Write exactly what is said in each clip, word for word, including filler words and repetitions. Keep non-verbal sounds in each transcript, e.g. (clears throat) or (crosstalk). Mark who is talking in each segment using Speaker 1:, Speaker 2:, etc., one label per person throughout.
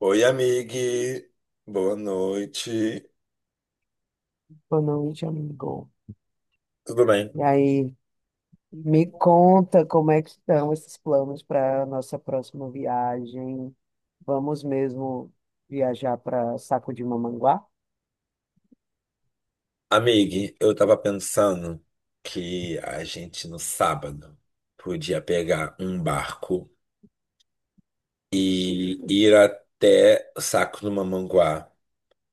Speaker 1: Oi, amigue. Boa noite.
Speaker 2: Boa noite, amigo.
Speaker 1: Tudo bem?
Speaker 2: E aí, me conta como é que estão esses planos para a nossa próxima viagem. Vamos mesmo viajar para Saco de Mamanguá?
Speaker 1: Amigue, eu tava pensando que a gente no sábado podia pegar um barco e ir até o Saco do Mamanguá.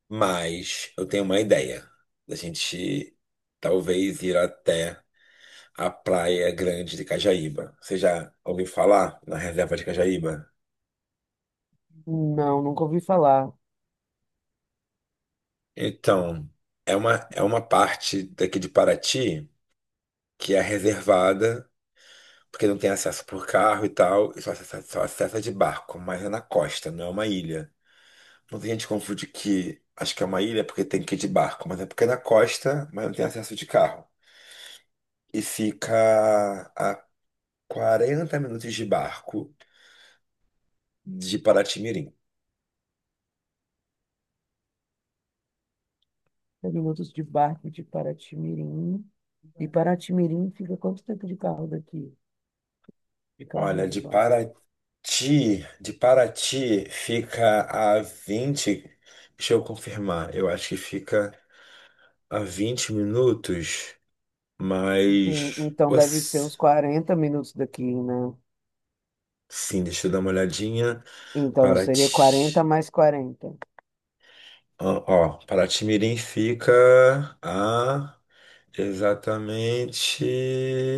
Speaker 1: Mas eu tenho uma ideia, da gente talvez ir até a Praia Grande de Cajaíba. Você já ouviu falar na reserva de Cajaíba?
Speaker 2: Não, nunca ouvi falar.
Speaker 1: Então, é uma, é uma parte daqui de Paraty, que é reservada, porque não tem acesso por carro e tal, e só acessa, só acessa de barco, mas é na costa, não é uma ilha. Muita gente confunde que acho que é uma ilha porque tem que ir de barco, mas é porque é na costa, mas não tem acesso de carro. E fica a quarenta minutos de barco de Paraty-Mirim.
Speaker 2: É minutos de barco de Paraty-Mirim. E Paraty-Mirim fica quanto tempo de carro daqui? De carro no
Speaker 1: Olha, de
Speaker 2: lugar?
Speaker 1: Paraty, de Paraty fica a vinte, deixa eu confirmar, eu acho que fica a vinte minutos.
Speaker 2: Sim,
Speaker 1: Mas.
Speaker 2: então deve ser uns
Speaker 1: Ups,
Speaker 2: quarenta minutos daqui, né?
Speaker 1: sim, deixa eu dar uma olhadinha.
Speaker 2: Então seria quarenta
Speaker 1: Paraty.
Speaker 2: mais quarenta.
Speaker 1: Ó, ó, Paraty-Mirim fica a. Exatamente.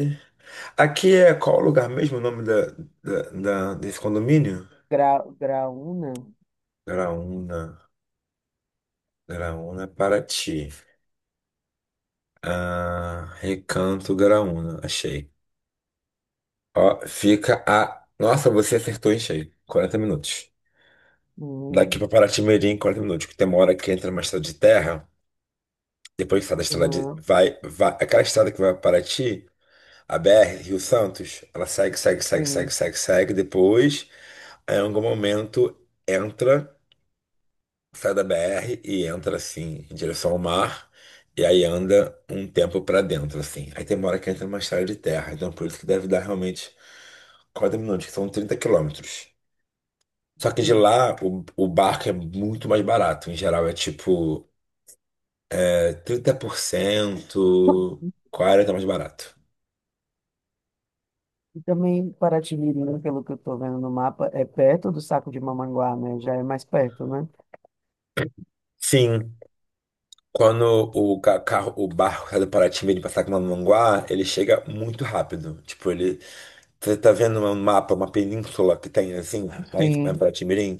Speaker 1: Aqui é qual o lugar mesmo, o nome da, da, da- desse condomínio?
Speaker 2: Grau, grau um, né?
Speaker 1: Graúna. Graúna, Paraty. Ah, Recanto Graúna, achei. Ó, fica a. Nossa, você acertou em cheio. quarenta minutos. Daqui
Speaker 2: Uhum.
Speaker 1: para Paraty-Mirim, quarenta minutos, que tem uma hora que entra uma estrada de terra. Depois que sai da estrada de.
Speaker 2: Uhum.
Speaker 1: Vai, vai. Aquela estrada que vai para Paraty, a B R, Rio Santos, ela segue, segue, segue, segue,
Speaker 2: Sim.
Speaker 1: segue, segue. Depois, em algum momento, entra, sai da B R e entra assim, em direção ao mar. E aí anda um tempo para dentro, assim. Aí tem uma hora que entra numa estrada de terra. Então, por isso que deve dar realmente quarenta minutos, que são trinta quilômetros. Só que de
Speaker 2: Sim.
Speaker 1: lá, o, o barco é muito mais barato. Em geral, é tipo é trinta por cento, quarenta por cento mais barato.
Speaker 2: E também Paraty-Mirim, pelo que eu estou vendo no mapa, é perto do Saco de Mamanguá, né? Já é mais perto, né?
Speaker 1: Sim, quando o ca- carro, o barco sai do Paraty, em vez de passar com Manguá, ele chega muito rápido. Tipo, ele. Você tá vendo um mapa, uma península que tem assim, lá em em
Speaker 2: Sim,
Speaker 1: Paraty-Mirim?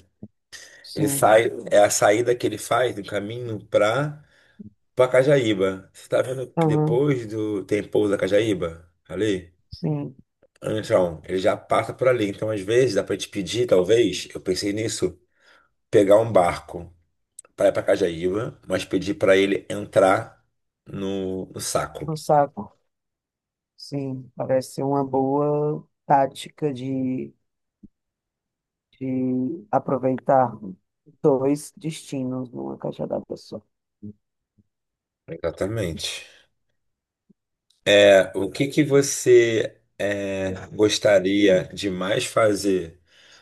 Speaker 1: Ele
Speaker 2: sim.
Speaker 1: sai, é a saída que ele faz do caminho pra Cajaíba. Você tá vendo que
Speaker 2: Aham,
Speaker 1: depois do. Tem pouso da Cajaíba? Ali?
Speaker 2: sim.
Speaker 1: Então, ele já passa por ali. Então, às vezes, dá pra te pedir, talvez, eu pensei nisso, pegar um barco, para ir para Cajaíba, mas pedi para ele entrar no, no saco.
Speaker 2: No saco. Sim, parece ser uma boa tática de de aproveitar dois destinos numa caixa d'água só.
Speaker 1: Exatamente. É, o que que você é, gostaria de mais fazer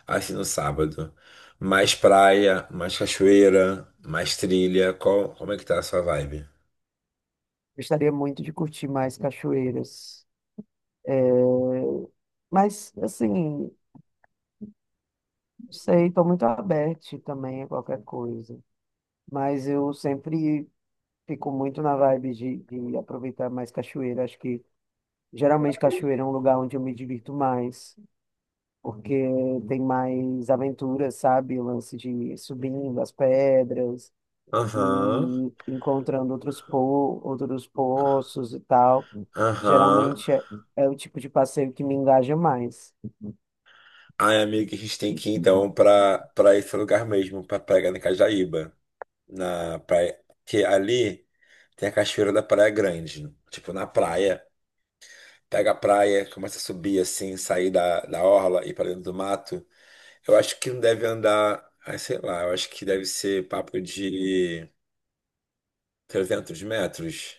Speaker 1: assim no sábado? Mais praia, mais cachoeira, mais trilha? Qual, como é que tá a sua vibe?
Speaker 2: Gostaria muito de curtir mais cachoeiras. Mas, assim, não sei, estou muito aberto também a qualquer coisa. Mas eu sempre fico muito na vibe de, de aproveitar mais cachoeira. Acho que geralmente cachoeira é um lugar onde eu me divirto mais, porque tem mais aventuras, sabe? O lance de ir subindo as pedras e
Speaker 1: Aham,
Speaker 2: encontrando outros, po outros poços e tal.
Speaker 1: aham.
Speaker 2: Geralmente é, é o tipo de passeio que me engaja mais,
Speaker 1: Ai, amigo, a gente tem que ir então pra, pra esse lugar mesmo, pra pegar na Cajaíba. Na praia. Que ali tem a cachoeira da Praia Grande, né? Tipo, na praia. Pega a praia, começa a subir assim, sair da, da orla e ir para dentro do mato. Eu acho que não deve andar, ah, sei lá, eu acho que deve ser papo de trezentos metros.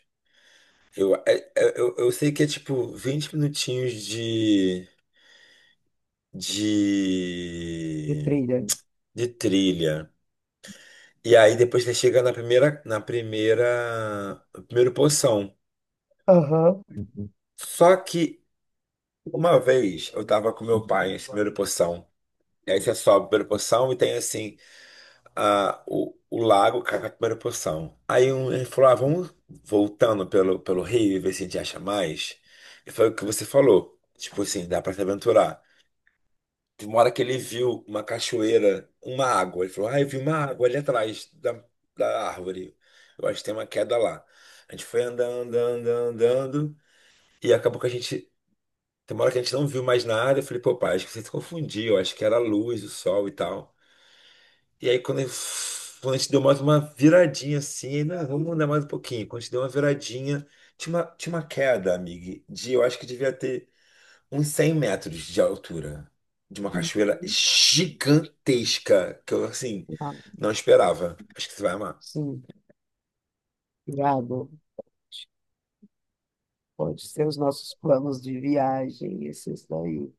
Speaker 1: Eu, é- é- eu, eu sei que é tipo vinte minutinhos de,
Speaker 2: de
Speaker 1: de,
Speaker 2: trilha.
Speaker 1: de trilha. E aí depois você chega na primeira, na primeira, no primeiro poção.
Speaker 2: Aham.
Speaker 1: Só que Uma vez eu tava com meu pai em primeira posição. E aí você sobe a primeira posição e tem assim a, o, o lago com a primeira posição. Aí um, ele falou: ah, vamos voltando pelo, pelo rio e ver se a gente acha mais. E foi o que você falou. Tipo assim, dá pra se aventurar. Tem uma hora que ele viu uma cachoeira, uma água. Ele falou: ah, eu vi uma água ali atrás da, da árvore. Eu acho que tem uma queda lá. A gente foi andando, andando, andando. E acabou que a gente tem uma hora que a gente não viu mais nada. Eu falei, pô, pai, acho que você se confundiu. Acho que era a luz, o sol e tal. E aí, quando, eu- quando a gente deu mais uma viradinha assim, não, vamos andar mais um pouquinho. Quando a gente deu uma viradinha, tinha uma, tinha uma queda, amigo, de eu acho que devia ter uns cem metros de altura, de uma cachoeira gigantesca, que eu, assim,
Speaker 2: Ah,
Speaker 1: não esperava. Acho que você vai amar.
Speaker 2: sim, obrigado. Pode ser os nossos planos de viagem, esses daí.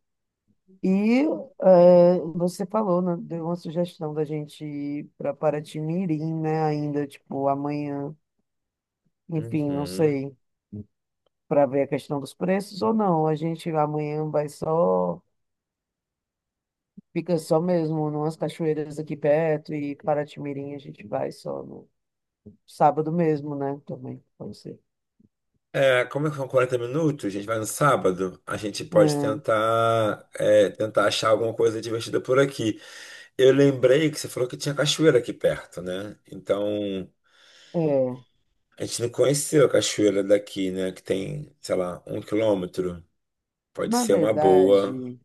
Speaker 2: E é, você falou, né, deu uma sugestão da gente ir para Paraty-Mirim, né? Ainda, tipo, amanhã, enfim, não
Speaker 1: Uhum.
Speaker 2: sei, para ver a questão dos preços ou não. A gente amanhã vai só, fica só mesmo numas cachoeiras aqui perto, e Paraty-Mirim a gente vai só no sábado mesmo, né? Também, pode ser.
Speaker 1: É, como são quarenta minutos, a gente vai no sábado, a gente pode
Speaker 2: É,
Speaker 1: tentar, é, tentar achar alguma coisa divertida por aqui. Eu lembrei que você falou que tinha cachoeira aqui perto, né? Então,
Speaker 2: é,
Speaker 1: a gente não conheceu a cachoeira daqui, né? Que tem, sei lá, um quilômetro. Pode
Speaker 2: Na
Speaker 1: ser uma boa.
Speaker 2: verdade,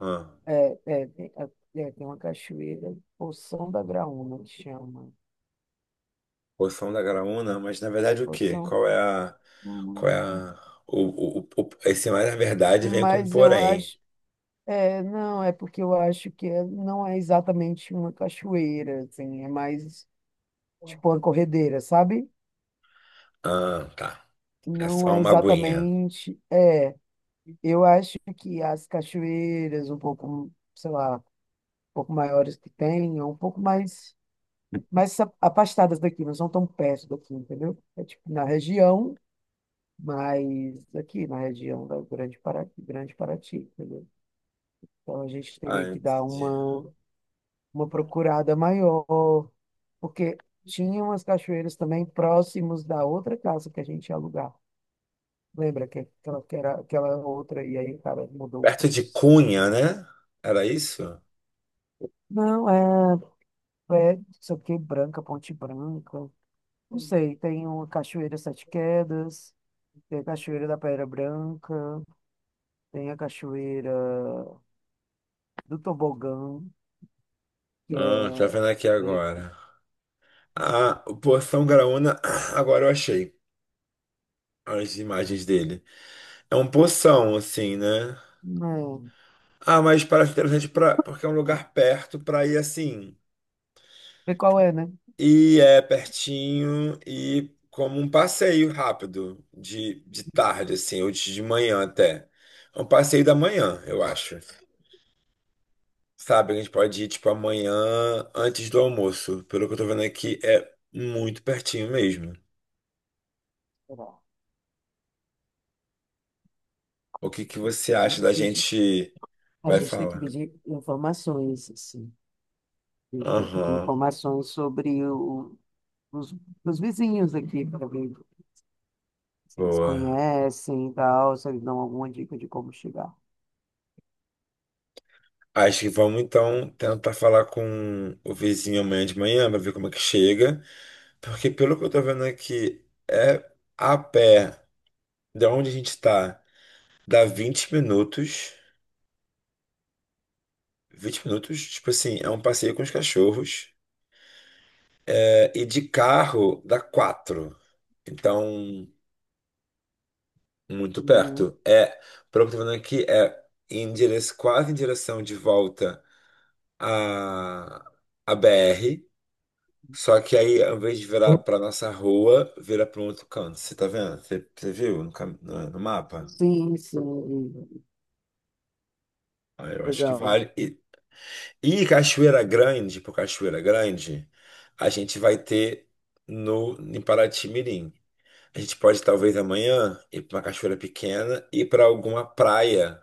Speaker 1: Ah,
Speaker 2: é, é, é, é, tem uma cachoeira, Poção da Graúna, que chama.
Speaker 1: Poção da Graúna, mas na verdade o quê?
Speaker 2: Poção.
Speaker 1: Qual é a. Qual
Speaker 2: Hum.
Speaker 1: é a. O, o, o, esse mais na verdade vem com um
Speaker 2: Mas eu
Speaker 1: porém.
Speaker 2: acho, é, não, é porque eu acho que é- não é exatamente uma cachoeira, assim, é mais tipo uma corredeira, sabe?
Speaker 1: Ah, tá. É
Speaker 2: Não
Speaker 1: só
Speaker 2: é
Speaker 1: uma aguinha.
Speaker 2: exatamente, é, eu acho que as cachoeiras um pouco, sei lá, um pouco maiores que tem, é um pouco mais, mais a- afastadas daqui, não são tão perto daqui, entendeu? É tipo na região, mas aqui na região da Grande Paraty, Grande Paraty, entendeu? Então a gente
Speaker 1: Ah,
Speaker 2: teria que dar
Speaker 1: entendi.
Speaker 2: uma uma procurada maior, porque tinha umas cachoeiras também próximos da outra casa que a gente ia alugar. Lembra que aquela, que era aquela outra, e aí o cara mudou
Speaker 1: Perto de
Speaker 2: isso.
Speaker 1: Cunha, né? Era isso?
Speaker 2: Não, é, é, não sei o que, Branca, Ponte Branca. Não sei, tem uma Cachoeira Sete Quedas, tem a Cachoeira da Pedra Branca, tem a Cachoeira do Tobogã, que
Speaker 1: Ah, tô
Speaker 2: é
Speaker 1: vendo aqui
Speaker 2: meio que.
Speaker 1: agora. Ah, o Poção Graúna, (clears throat) agora eu achei as imagens dele. É um poção, assim, né?
Speaker 2: Não,
Speaker 1: Ah, mas parece interessante pra, porque é um lugar perto pra ir assim.
Speaker 2: vê qual é, né?
Speaker 1: E é pertinho e como um passeio rápido, de, de tarde, assim, ou de de manhã até. É um passeio da manhã, eu acho. Sabe, a gente pode ir, tipo, amanhã antes do almoço. Pelo que eu tô vendo aqui, é muito pertinho mesmo.
Speaker 2: Sei lá,
Speaker 1: O que que
Speaker 2: tem que
Speaker 1: você
Speaker 2: pedir,
Speaker 1: acha da
Speaker 2: pedir.
Speaker 1: gente
Speaker 2: A
Speaker 1: vai
Speaker 2: gente tem que
Speaker 1: falar?
Speaker 2: pedir informações, assim,
Speaker 1: Aham,
Speaker 2: informações sobre o- os, os vizinhos aqui, para ver se eles
Speaker 1: boa.
Speaker 2: conhecem e tal, se eles dão alguma dica de como chegar.
Speaker 1: Acho que vamos então tentar falar com o vizinho amanhã de manhã pra ver como é que chega. Porque pelo que eu tô vendo aqui, é a pé de onde a gente tá, dá vinte minutos. Vinte minutos, tipo assim, é um passeio com os cachorros. É, e de carro dá quatro. Então, muito
Speaker 2: Uhum.
Speaker 1: perto. É, pelo que eu tô vendo aqui, é em dire... quase em direção de volta à, à B R. Só que aí, ao invés de virar para nossa rua, vira para um outro canto. Você tá vendo? Você, você viu no, cam- no, no mapa?
Speaker 2: Sim, sim,
Speaker 1: Ah, eu acho que
Speaker 2: legal.
Speaker 1: vale. E, e Cachoeira Grande, por Cachoeira Grande, a gente vai ter no, em Paraty Mirim. A gente pode talvez amanhã ir para uma cachoeira pequena e para alguma praia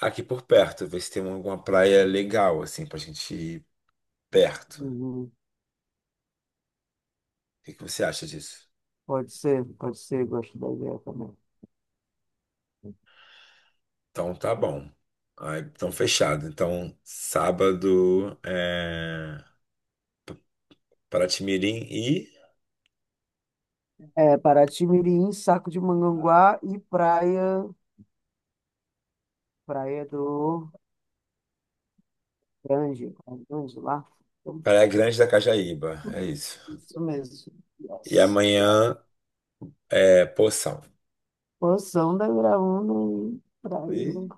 Speaker 1: aqui por perto, ver se tem alguma praia legal assim pra gente ir perto. O
Speaker 2: Uhum.
Speaker 1: que que você acha disso?
Speaker 2: Pode ser, pode ser, gosto da ideia também.
Speaker 1: Então tá bom. Ah, então fechado. Então sábado é Paraty-Mirim e
Speaker 2: É, Paraty-Mirim, Saco de Manganguá e Praia, Praia do Grande, Grande lá. Então,
Speaker 1: Praia Grande da Cajaíba, é isso.
Speaker 2: isso mesmo.
Speaker 1: E
Speaker 2: Yes, yes.
Speaker 1: amanhã é Poção.
Speaker 2: Poção da Graúna e praia.
Speaker 1: E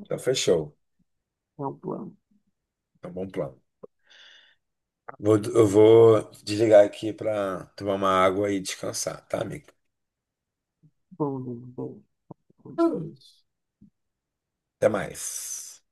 Speaker 1: então fechou.
Speaker 2: É um plano.
Speaker 1: É um bom plano. Vou- eu vou desligar aqui pra tomar uma água e descansar, tá, amigo?
Speaker 2: Bom, bom, bom. Vamos ver.
Speaker 1: Até mais.